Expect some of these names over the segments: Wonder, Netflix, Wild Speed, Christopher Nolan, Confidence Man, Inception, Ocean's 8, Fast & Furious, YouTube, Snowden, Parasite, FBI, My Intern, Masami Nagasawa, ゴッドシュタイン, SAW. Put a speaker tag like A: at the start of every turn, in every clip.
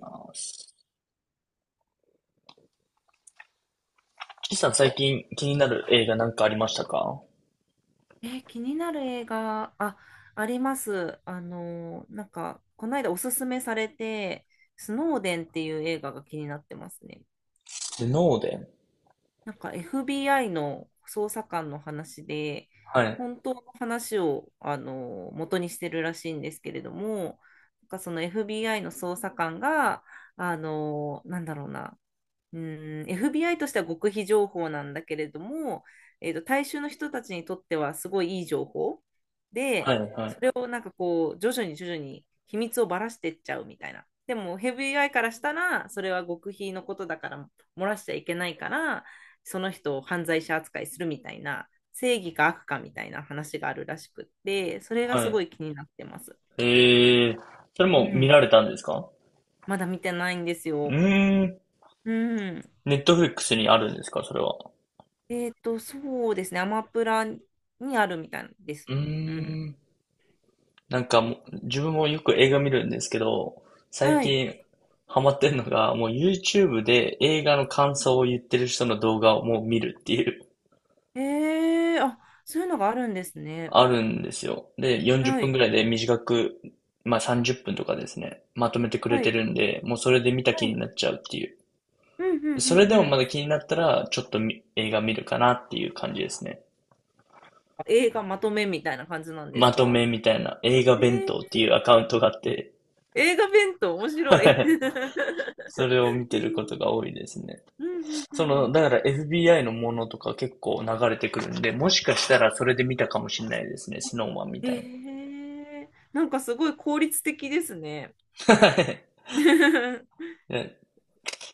A: あーす岸さん、最近気になる映画なんかありましたか？
B: 気になる映画、あ、あります。この間おすすめされて、スノーデンっていう映画が気になってますね。
A: スノーデン。
B: なんか FBI の捜査官の話で、
A: はい、
B: 本当の話を、元にしてるらしいんですけれども、なんかその FBI の捜査官が、あの、なんだろうな、うん、FBI としては極秘情報なんだけれども、大衆の人たちにとってはすごいいい情報。
A: は
B: で、
A: い、はい、
B: をなんかこう徐々に徐々に秘密をばらしてっちゃうみたいな。でもヘビーアイからしたらそれは極秘のことだから漏らしちゃいけないから、その人を犯罪者扱いするみたいな、正義か悪かみたいな話があるらしくって、それが
A: は
B: すご
A: い。
B: い気になってます。
A: えー、それ
B: う
A: も見
B: ん、
A: られたんですか？
B: まだ見てないんです
A: う
B: よ。
A: ーん、
B: うん、
A: ネットフリックスにあるんですか、それは？
B: そうですね、アマプラにあるみたいで
A: うー
B: す。うん、
A: ん、なんかもう、自分もよく映画見るんですけど、最
B: はい。
A: 近ハマってるのが、もう YouTube で映画の感想を言ってる人の動画をもう見るっていう。
B: えー、あ、そういうのがあるんですね。
A: あるんですよ。で、40
B: は
A: 分
B: い。
A: ぐらいで短く、まあ30分とかですね、まとめてくれ
B: は
A: て
B: い。
A: るんで、もうそれで見た
B: は
A: 気に
B: い。
A: なっちゃうっていう。
B: うんうん
A: そ
B: う
A: れで
B: ん
A: も
B: う
A: ま
B: ん。
A: だ気になったら、ちょっと映画見るかなっていう感じですね。
B: 映画まとめみたいな感じなんです
A: まと
B: か？
A: めみたいな映画
B: え
A: 弁当っ
B: ー、
A: ていうアカウントがあって、
B: 映画弁当面白い。
A: それを見
B: え
A: てること
B: ー、
A: が多いですね。
B: うんうんう
A: そ
B: んう
A: の、
B: ん。
A: だから FBI のものとか結構流れてくるんで、もしかしたらそれで見たかもしれないですね、スノーマンみたいな。
B: えー、なんかすごい効率的ですね。
A: い
B: うん
A: や、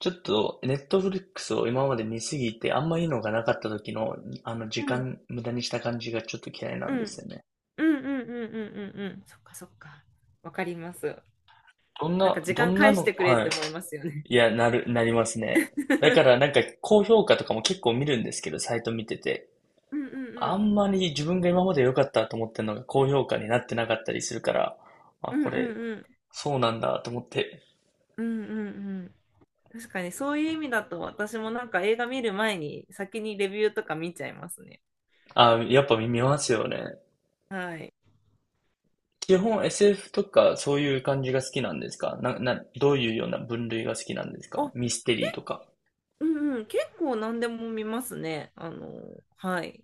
A: ちょっと、ネットフリックスを今まで見すぎて、あんまいいのがなかった時の、あの、時間無駄にした感じがちょっと嫌いな
B: う
A: んです
B: ん
A: よね。
B: うんうんうんうんうんうん。そっかそっか。わかります。
A: どん
B: なん
A: な、
B: か時
A: ど
B: 間
A: んな
B: 返し
A: の、
B: てくれっ
A: はい。
B: て思いますよね。
A: いや、なりますね。だから、なんか、高評価とかも結構見るんですけど、サイト見てて。
B: うんう
A: あ
B: ん
A: んまり自分が今まで良かったと思ってるのが高評価になってなかったりするから、あ、
B: うん
A: こ
B: うんう
A: れ、
B: んうん
A: そうなんだと思って、
B: うんうんうん、確かにそういう意味だと、私もなんか映画見る前に先にレビューとか見ちゃいますね。
A: あ、やっぱ見ますよね。
B: はい。
A: 基本 SF とかそういう感じが好きなんですか？どういうような分類が好きなんですか？
B: あ、
A: ミステ
B: け、
A: リーとか。
B: うんうん、結構何でも見ますね。はい。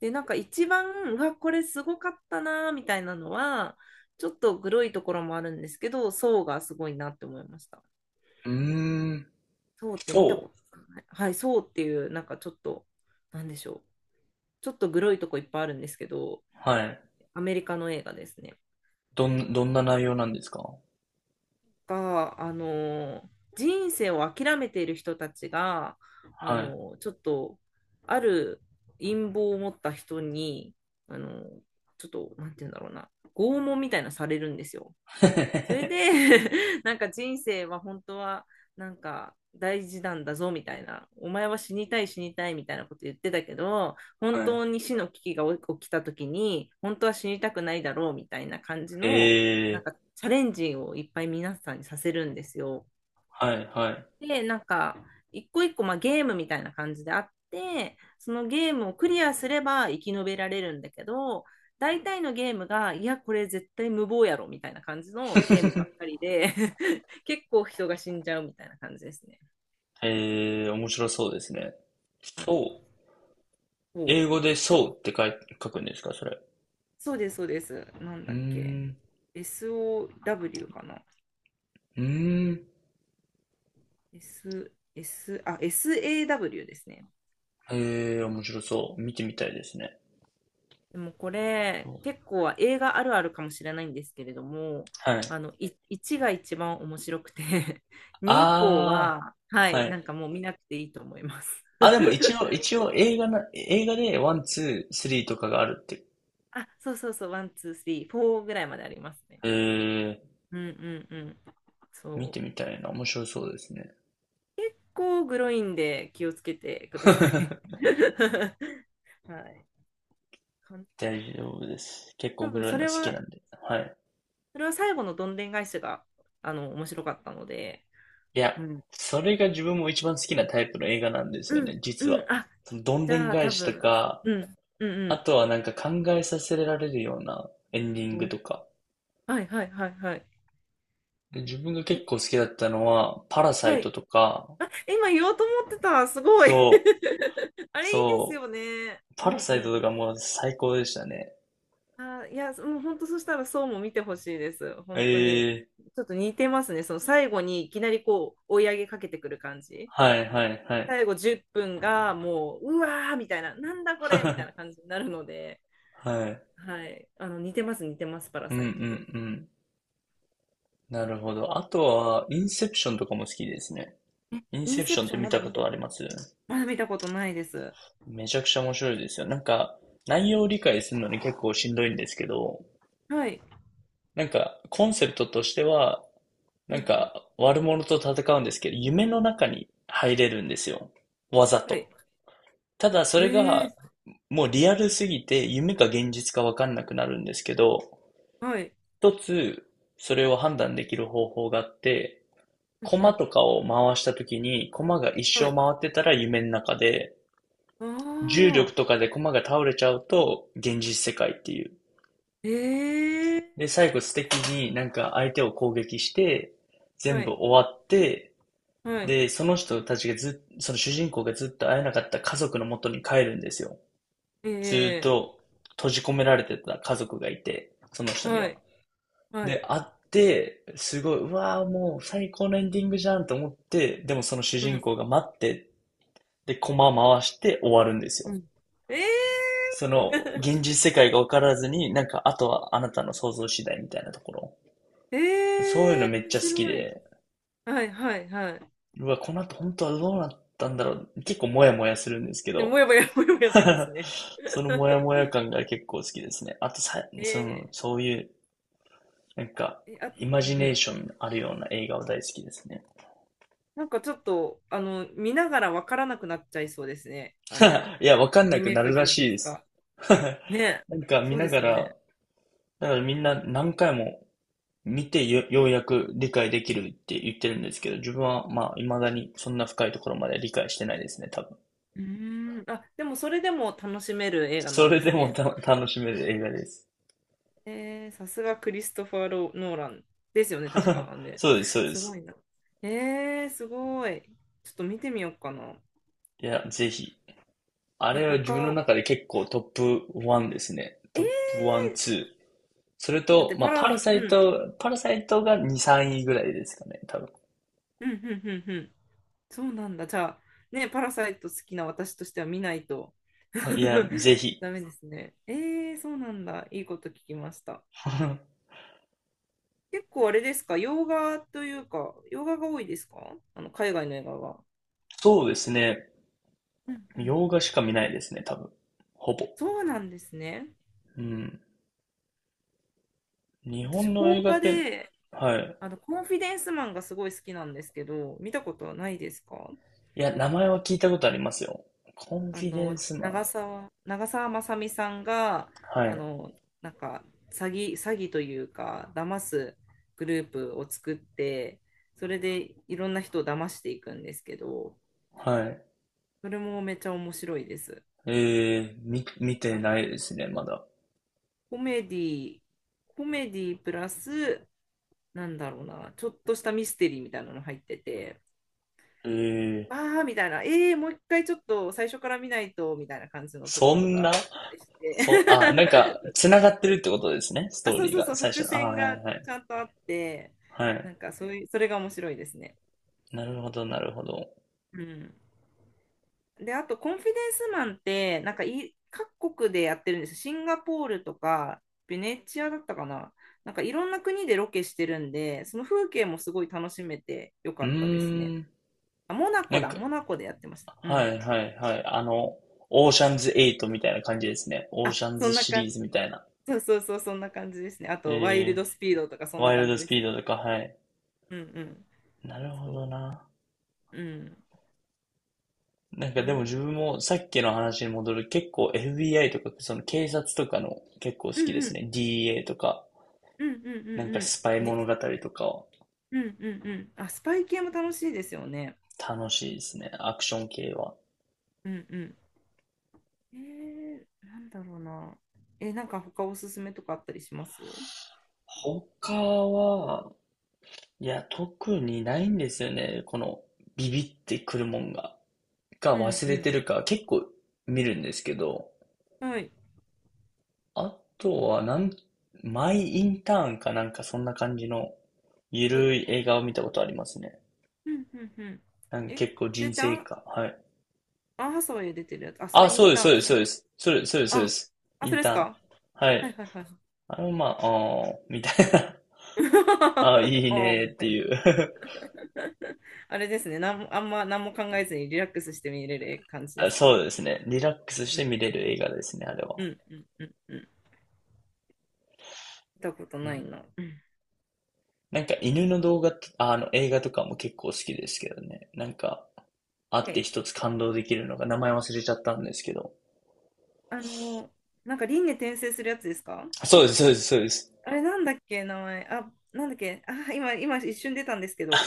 B: で、なんか一番、うわ、これすごかったな、みたいなのは、ちょっとグロいところもあるんですけど、ソーがすごいなって思いました。
A: うーん。
B: ソーって見たこ
A: そ
B: とない。はい、ソーっていう、なんかちょっと、なんでしょう。ちょっとグロいとこいっぱいあるんですけど、
A: う、はい。
B: アメリカの映画ですね。
A: どんな内容なんですか？
B: か、あの、人生を諦めている人たちが、
A: はい。
B: ちょっと、ある陰謀を持った人に、あの、ちょっと、なんて言うんだろうな、拷問みたいなされるんですよ。それ で なんか人生は本当はなんか大事なんだぞみたいな、お前は死にたい死にたいみたいなこと言ってたけど、本
A: はい。
B: 当に死の危機が起きた時に、本当は死にたくないだろうみたいな感じ
A: え
B: の、なん
A: ー、
B: かチャレンジをいっぱい皆さんにさせるんですよ。
A: はい、はい。
B: で、なんか、一個一個、まあ、ゲームみたいな感じであって、そのゲームをクリアすれば生き延びられるんだけど、大体のゲームが、いや、これ絶対無謀やろみたいな感じのゲームばっかりで 結構人が死んじゃうみたいな感じですね。
A: えー、面白そうですね。
B: はい。
A: そう。
B: そ
A: 英
B: う。
A: 語でそうって書くんですか、それ？
B: そうです、そうです。なん
A: うー
B: だっけ。
A: ん。
B: SOW かな。
A: うーん。
B: S、S、あ、SAW ですね。
A: えー、面白そう。見てみたいですね。
B: でもこれ結構映画あるあるかもしれないんですけれども、
A: は
B: あ
A: い。
B: のい1が一番面白くて 2以降
A: あ
B: は、は
A: ー、
B: い、
A: は
B: な
A: い。
B: んかもう見なくていいと思います。
A: あ、でも一応映画でワン、ツー、スリーとかがあるって。
B: あ、そうそうそう、1、2、3、4ぐらいまでありますね。
A: えー、
B: うんうんうん。
A: 見
B: そ
A: て
B: う。
A: みたいな。面白そうですね。
B: こうグロいんで気をつけてください。はい。かん
A: 大丈夫です。結
B: 多
A: 構グ
B: 分
A: ロい
B: そ
A: の好
B: れ
A: き
B: は、
A: なんで。はい。
B: それは最後のどんでん返しが面白かったので、
A: いや、
B: うん。
A: それが自分も一番好きなタイプの映画なんですよ
B: うん、
A: ね、実
B: うん、
A: は。
B: あ、
A: そのどん
B: じ
A: でん
B: ゃあ
A: 返
B: 多
A: しと
B: 分、
A: か、
B: うん、うんう
A: あ
B: ん。
A: とはなんか考えさせられるようなエンディン
B: う
A: グ
B: ん、
A: とか。
B: はいはいはいはい。
A: で、自分が
B: え、
A: 結構好きだったのは、パラサイ
B: は
A: ト
B: い。
A: とか、
B: あ、今言おうと思ってた。すごい。
A: そう、
B: あれいいです
A: そ
B: よね。
A: う、
B: う
A: パ
B: んう
A: ラ
B: ん
A: サイト
B: う
A: とか
B: ん。
A: もう最高でしたね。
B: あ、いや、もう本当そしたらそうも見てほしいです。本当に。
A: ええ、
B: ちょっと似てますね。その最後にいきなりこう追い上げかけてくる感じ。
A: はいはいはい。
B: 最後10分がもう、うわーみたいな、なんだこれみたいな 感じになるので、
A: はい。
B: はい。似てます、似てます、パラ
A: うんう
B: サ
A: んう
B: イトと。
A: ん。なるほど。あとは、インセプションとかも好きですね。
B: え、
A: イン
B: イ
A: セ
B: ン
A: プ
B: セ
A: ショ
B: プ
A: ンっ
B: ショ
A: て
B: ン
A: 見たことあります？
B: まだ見たことないです。
A: めちゃくちゃ面白いですよ。なんか、内容を理解するのに結構しんどいんですけど、
B: はい。
A: なんか、コンセプトとしては、
B: う
A: な
B: んう
A: ん
B: ん。
A: か、悪者と戦うんですけど、夢の中に入れるんですよ。わざ
B: はい。
A: と。ただ、そ
B: え
A: れが、
B: え、
A: もうリアルすぎて、夢か現実かわかんなくなるんですけど、
B: はい。
A: 一つ、それを判断できる方法があって、
B: うん
A: コ
B: う
A: マ
B: ん。
A: とかを回したときに、コマが一
B: は
A: 生
B: い。
A: 回ってたら夢の中で、
B: あ
A: 重力
B: あ。
A: とかでコマが倒れちゃうと、現実世界っていう。
B: ええ、
A: で、最後素敵になんか相手を攻撃して、
B: は
A: 全部
B: い。
A: 終わって、
B: はい。
A: で、その人たちがずっ、その主人公がずっと会えなかった家族の元に帰るんですよ。ずっ
B: ええ、
A: と閉じ込められてた家族がいて、その人に
B: は
A: は。
B: い。はい。
A: で、会って、すごい、うわー、もう最高のエンディングじゃんと思って、でもその主
B: う
A: 人
B: ん。
A: 公が待って、で、コマ回して終わるんです
B: う
A: よ。
B: ん。ええ。
A: その、現 実世界が分からずに、なんか、あとはあなたの想像次第みたいなところ。そういう
B: え
A: の
B: え、
A: めっ
B: 面
A: ちゃ好き
B: 白い。
A: で、
B: はい、はい、はい。
A: うわ、この後本当はどうなったんだろう。結構モヤモヤするんですけ
B: で、
A: ど、
B: もやもやします ね。
A: そのモヤ モヤ感が結構好きですね。あとさ、そ
B: え
A: の、そういう、なんか、
B: ー、え、あ、
A: イマ
B: うん
A: ジ
B: う
A: ネー
B: ん。
A: ションあるような映画は大好きですね。
B: なんかちょっと、見ながらわからなくなっちゃいそうですね。
A: いや、わかんなく
B: 夢
A: な
B: か
A: るら
B: 現
A: し
B: 実
A: いです。
B: か。ね、
A: なんか見
B: そう
A: な
B: です
A: が
B: よね。
A: ら、だからみんな何回も見てよ、ようやく理解できるって言ってるんですけど、自分はまあ未だにそんな深いところまで理解してないですね、多分。
B: うーん、あ、でもそれでも楽しめる映画な
A: そ
B: ん
A: れ
B: で
A: で
B: す
A: も
B: ね。
A: 楽しめる映画です。
B: えー、さすがクリストファー・ロノーランですよね、確か。あ、ね、
A: そうです、そうで
B: すご
A: す。
B: いな。えー、すごい。ちょっと見てみようかな。
A: いや、ぜひ。あ
B: え、
A: れは自分の中で結構トップ1ですね。
B: え
A: ト
B: ー、
A: ップ1、2。それ
B: だっ
A: と、
B: て
A: まあ、パラサ
B: う
A: イ
B: ん、
A: ト、パラサイトが2、3位ぐらいですかね、多分。
B: うん、うん、うん、うん。そうなんだ。じゃあ、ね、パラサイト好きな私としては見ないと
A: いや、ぜひ。
B: ダメですね。えー、そうなんだ。いいこと聞きました。結構あれですか、洋画というか、洋画が多いですか、あの海外の映画が。
A: そうですね。
B: うんうん。
A: 洋画しか見ないですね、多分。ほぼ。
B: そうなんですね。
A: うん。日
B: 私、
A: 本の
B: 邦
A: 映画っ
B: 画
A: て、
B: で、
A: はい。
B: コンフィデンスマンがすごい好きなんですけど、見たことはないですか？
A: いや、名前は聞いたことありますよ。コンフィデンスマン。
B: 長澤まさみさんが、
A: は
B: あ
A: い。
B: の、なんか、詐欺、詐欺というか、騙すグループを作って、それでいろんな人を騙していくんですけど、
A: はい。
B: それもめっちゃ面白いです。
A: ええ、見てないですね、まだ。
B: コメディ、コメディプラス、なんだろうな、ちょっとしたミステリーみたいなの入ってて、
A: ええ、
B: あーみたいな、えー、もう一回ちょっと最初から見ないと、みたいな感じのとこ
A: そ
B: ろと
A: ん
B: かあっ
A: な。
B: たりして、
A: そう、あ、なんか、繋がってるってことですね、ス
B: あ、
A: トー
B: そう
A: リー
B: そうそ
A: が、
B: う、
A: 最初
B: 伏
A: の。あ、
B: 線
A: はいはい
B: が
A: は
B: ち
A: い。
B: ゃんとあって、
A: はい。
B: なんかそういう、それが面白いですね。
A: なるほど、なるほど。
B: うん。で、あと、コンフィデンスマンって、なんかい、各国でやってるんです。シンガポールとか、ベネチアだったかな。なんか、いろんな国でロケしてるんで、その風景もすごい楽しめてよ
A: う
B: かったですね。
A: ーん。
B: あ、モナ
A: な
B: コ
A: ん
B: だ。
A: か、
B: モナコでやってました。う
A: は
B: ん。
A: いはいはい。あの、オーシャンズ8みたいな感じですね。オー
B: あ、
A: シャン
B: そ
A: ズ
B: んな
A: シリ
B: 感
A: ー
B: じ。
A: ズみたいな。
B: そうそうそう、そんな感じですね。あと、ワイル
A: え
B: ドスピードとか、
A: ー、
B: そん
A: ワ
B: な
A: イル
B: 感
A: ド
B: じ
A: ス
B: で
A: ピ
B: す
A: ー
B: ね。
A: ドとか、はい。
B: うんうん。
A: なるほど
B: そ
A: な。
B: う。うん。
A: なんかでも
B: な
A: 自分もさっきの話に戻る、結構 FBI とか、その警察とかの結構好
B: う
A: きで
B: んう
A: す
B: ん。
A: ね。DA とか、
B: うんうんう
A: なんか
B: ん
A: スパイ
B: うん。で、
A: 物語とかは
B: うんうんうん。あ、スパイ系も楽しいですよね。
A: 楽しいですね。アクション系は。
B: うんうん、えー、なんだろうな。え、なんか他おすすめとかあったりします？
A: 他は、いや、特にないんですよね。このビビってくるもんが。か
B: うん
A: 忘
B: う
A: れ
B: ん。
A: てるか結構見るんですけど、
B: はい。
A: あとはマイインターンかなんかそんな感じのゆ
B: はい。
A: るい映画を見たことありますね。
B: うんうんうん。
A: なんか
B: え、
A: 結構
B: それ
A: 人
B: って
A: 生か、はい。
B: アンハサウェイ出てるやつ。あ、そ
A: あ、
B: れイ
A: そう
B: ン
A: です、
B: タ
A: そ
B: ーン
A: うで
B: か。
A: す、そうです。それ、そうです、そうで
B: あ、
A: す。
B: あ、
A: イ
B: そ
A: ン
B: れで
A: タ
B: す
A: ーン。
B: か？
A: は
B: はい
A: い。
B: はいはい
A: あのまあ、あーみたいな。あー、いいね
B: おー
A: ー
B: み
A: っ
B: た
A: て
B: いな。
A: いう。
B: あれですね。なんも、あんま何も考えずにリラックスして見れる感じで
A: あ。
B: すか
A: そう
B: ね。
A: ですね。リラックスし
B: う
A: て
B: ん
A: 見れる映画ですね、あれ
B: う
A: は。
B: んうんうんうん。見たこと
A: う
B: ない
A: ん。
B: な。うん。
A: なんか犬の動画と、ああの映画とかも結構好きですけどね。なんか、あって
B: え、
A: 一つ感動できるのが、名前忘れちゃったんですけど。
B: あのなんか輪廻転生するやつですか？
A: そうです、そうです、そうです。
B: あれなんだっけ、名前。あ、なんだっけ。あ、今一瞬出たんですけど。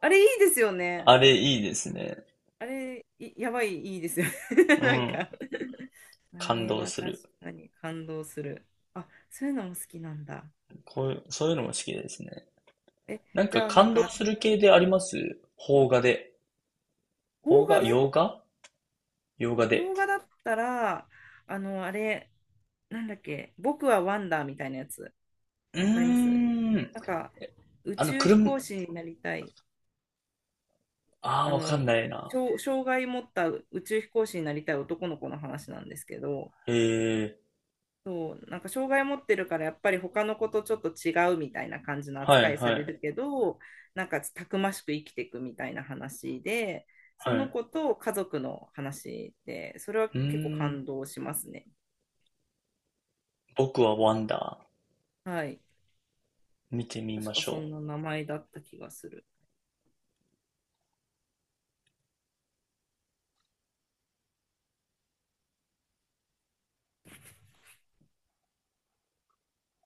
B: あれいいですよね。
A: あれいいですね。
B: あれ、いやばい、いいですよね。
A: う
B: なん
A: ん。
B: かあ
A: 感
B: れ
A: 動
B: は
A: す
B: 確
A: る。
B: かに感動する。あ、そういうのも好きなんだ。
A: こういう、そういうのも好きですね。
B: え、
A: なん
B: じ
A: か
B: ゃあなん
A: 感動
B: か、
A: する系であります？邦画で。
B: 邦
A: 邦
B: 画
A: 画
B: で。
A: 洋画、洋画
B: 洋
A: で。
B: 画だったら、あれ、なんだっけ、僕はワンダーみたいなやつ、
A: うー
B: わかります？
A: ん。
B: なんか、宇
A: あの、
B: 宙飛
A: 車、
B: 行士になりたい。
A: あ
B: あ
A: あ、わかん
B: の
A: ないな。
B: 障害持った宇宙飛行士になりたい男の子の話なんですけど、
A: ええ、
B: そう、なんか障害持ってるからやっぱり他の子とちょっと違うみたいな感じの
A: は
B: 扱
A: い、
B: いさ
A: は
B: れ
A: い、
B: るけど、なんかたくましく生きていくみたいな話で、
A: は
B: その
A: い。
B: 子と家族の話で、それは
A: う
B: 結構
A: ーん。
B: 感動しますね。
A: 僕はワンダ
B: はい、
A: ー。見てみ
B: 確
A: ま
B: か
A: し
B: そ
A: ょ
B: ん
A: う。
B: な名前だった気がする。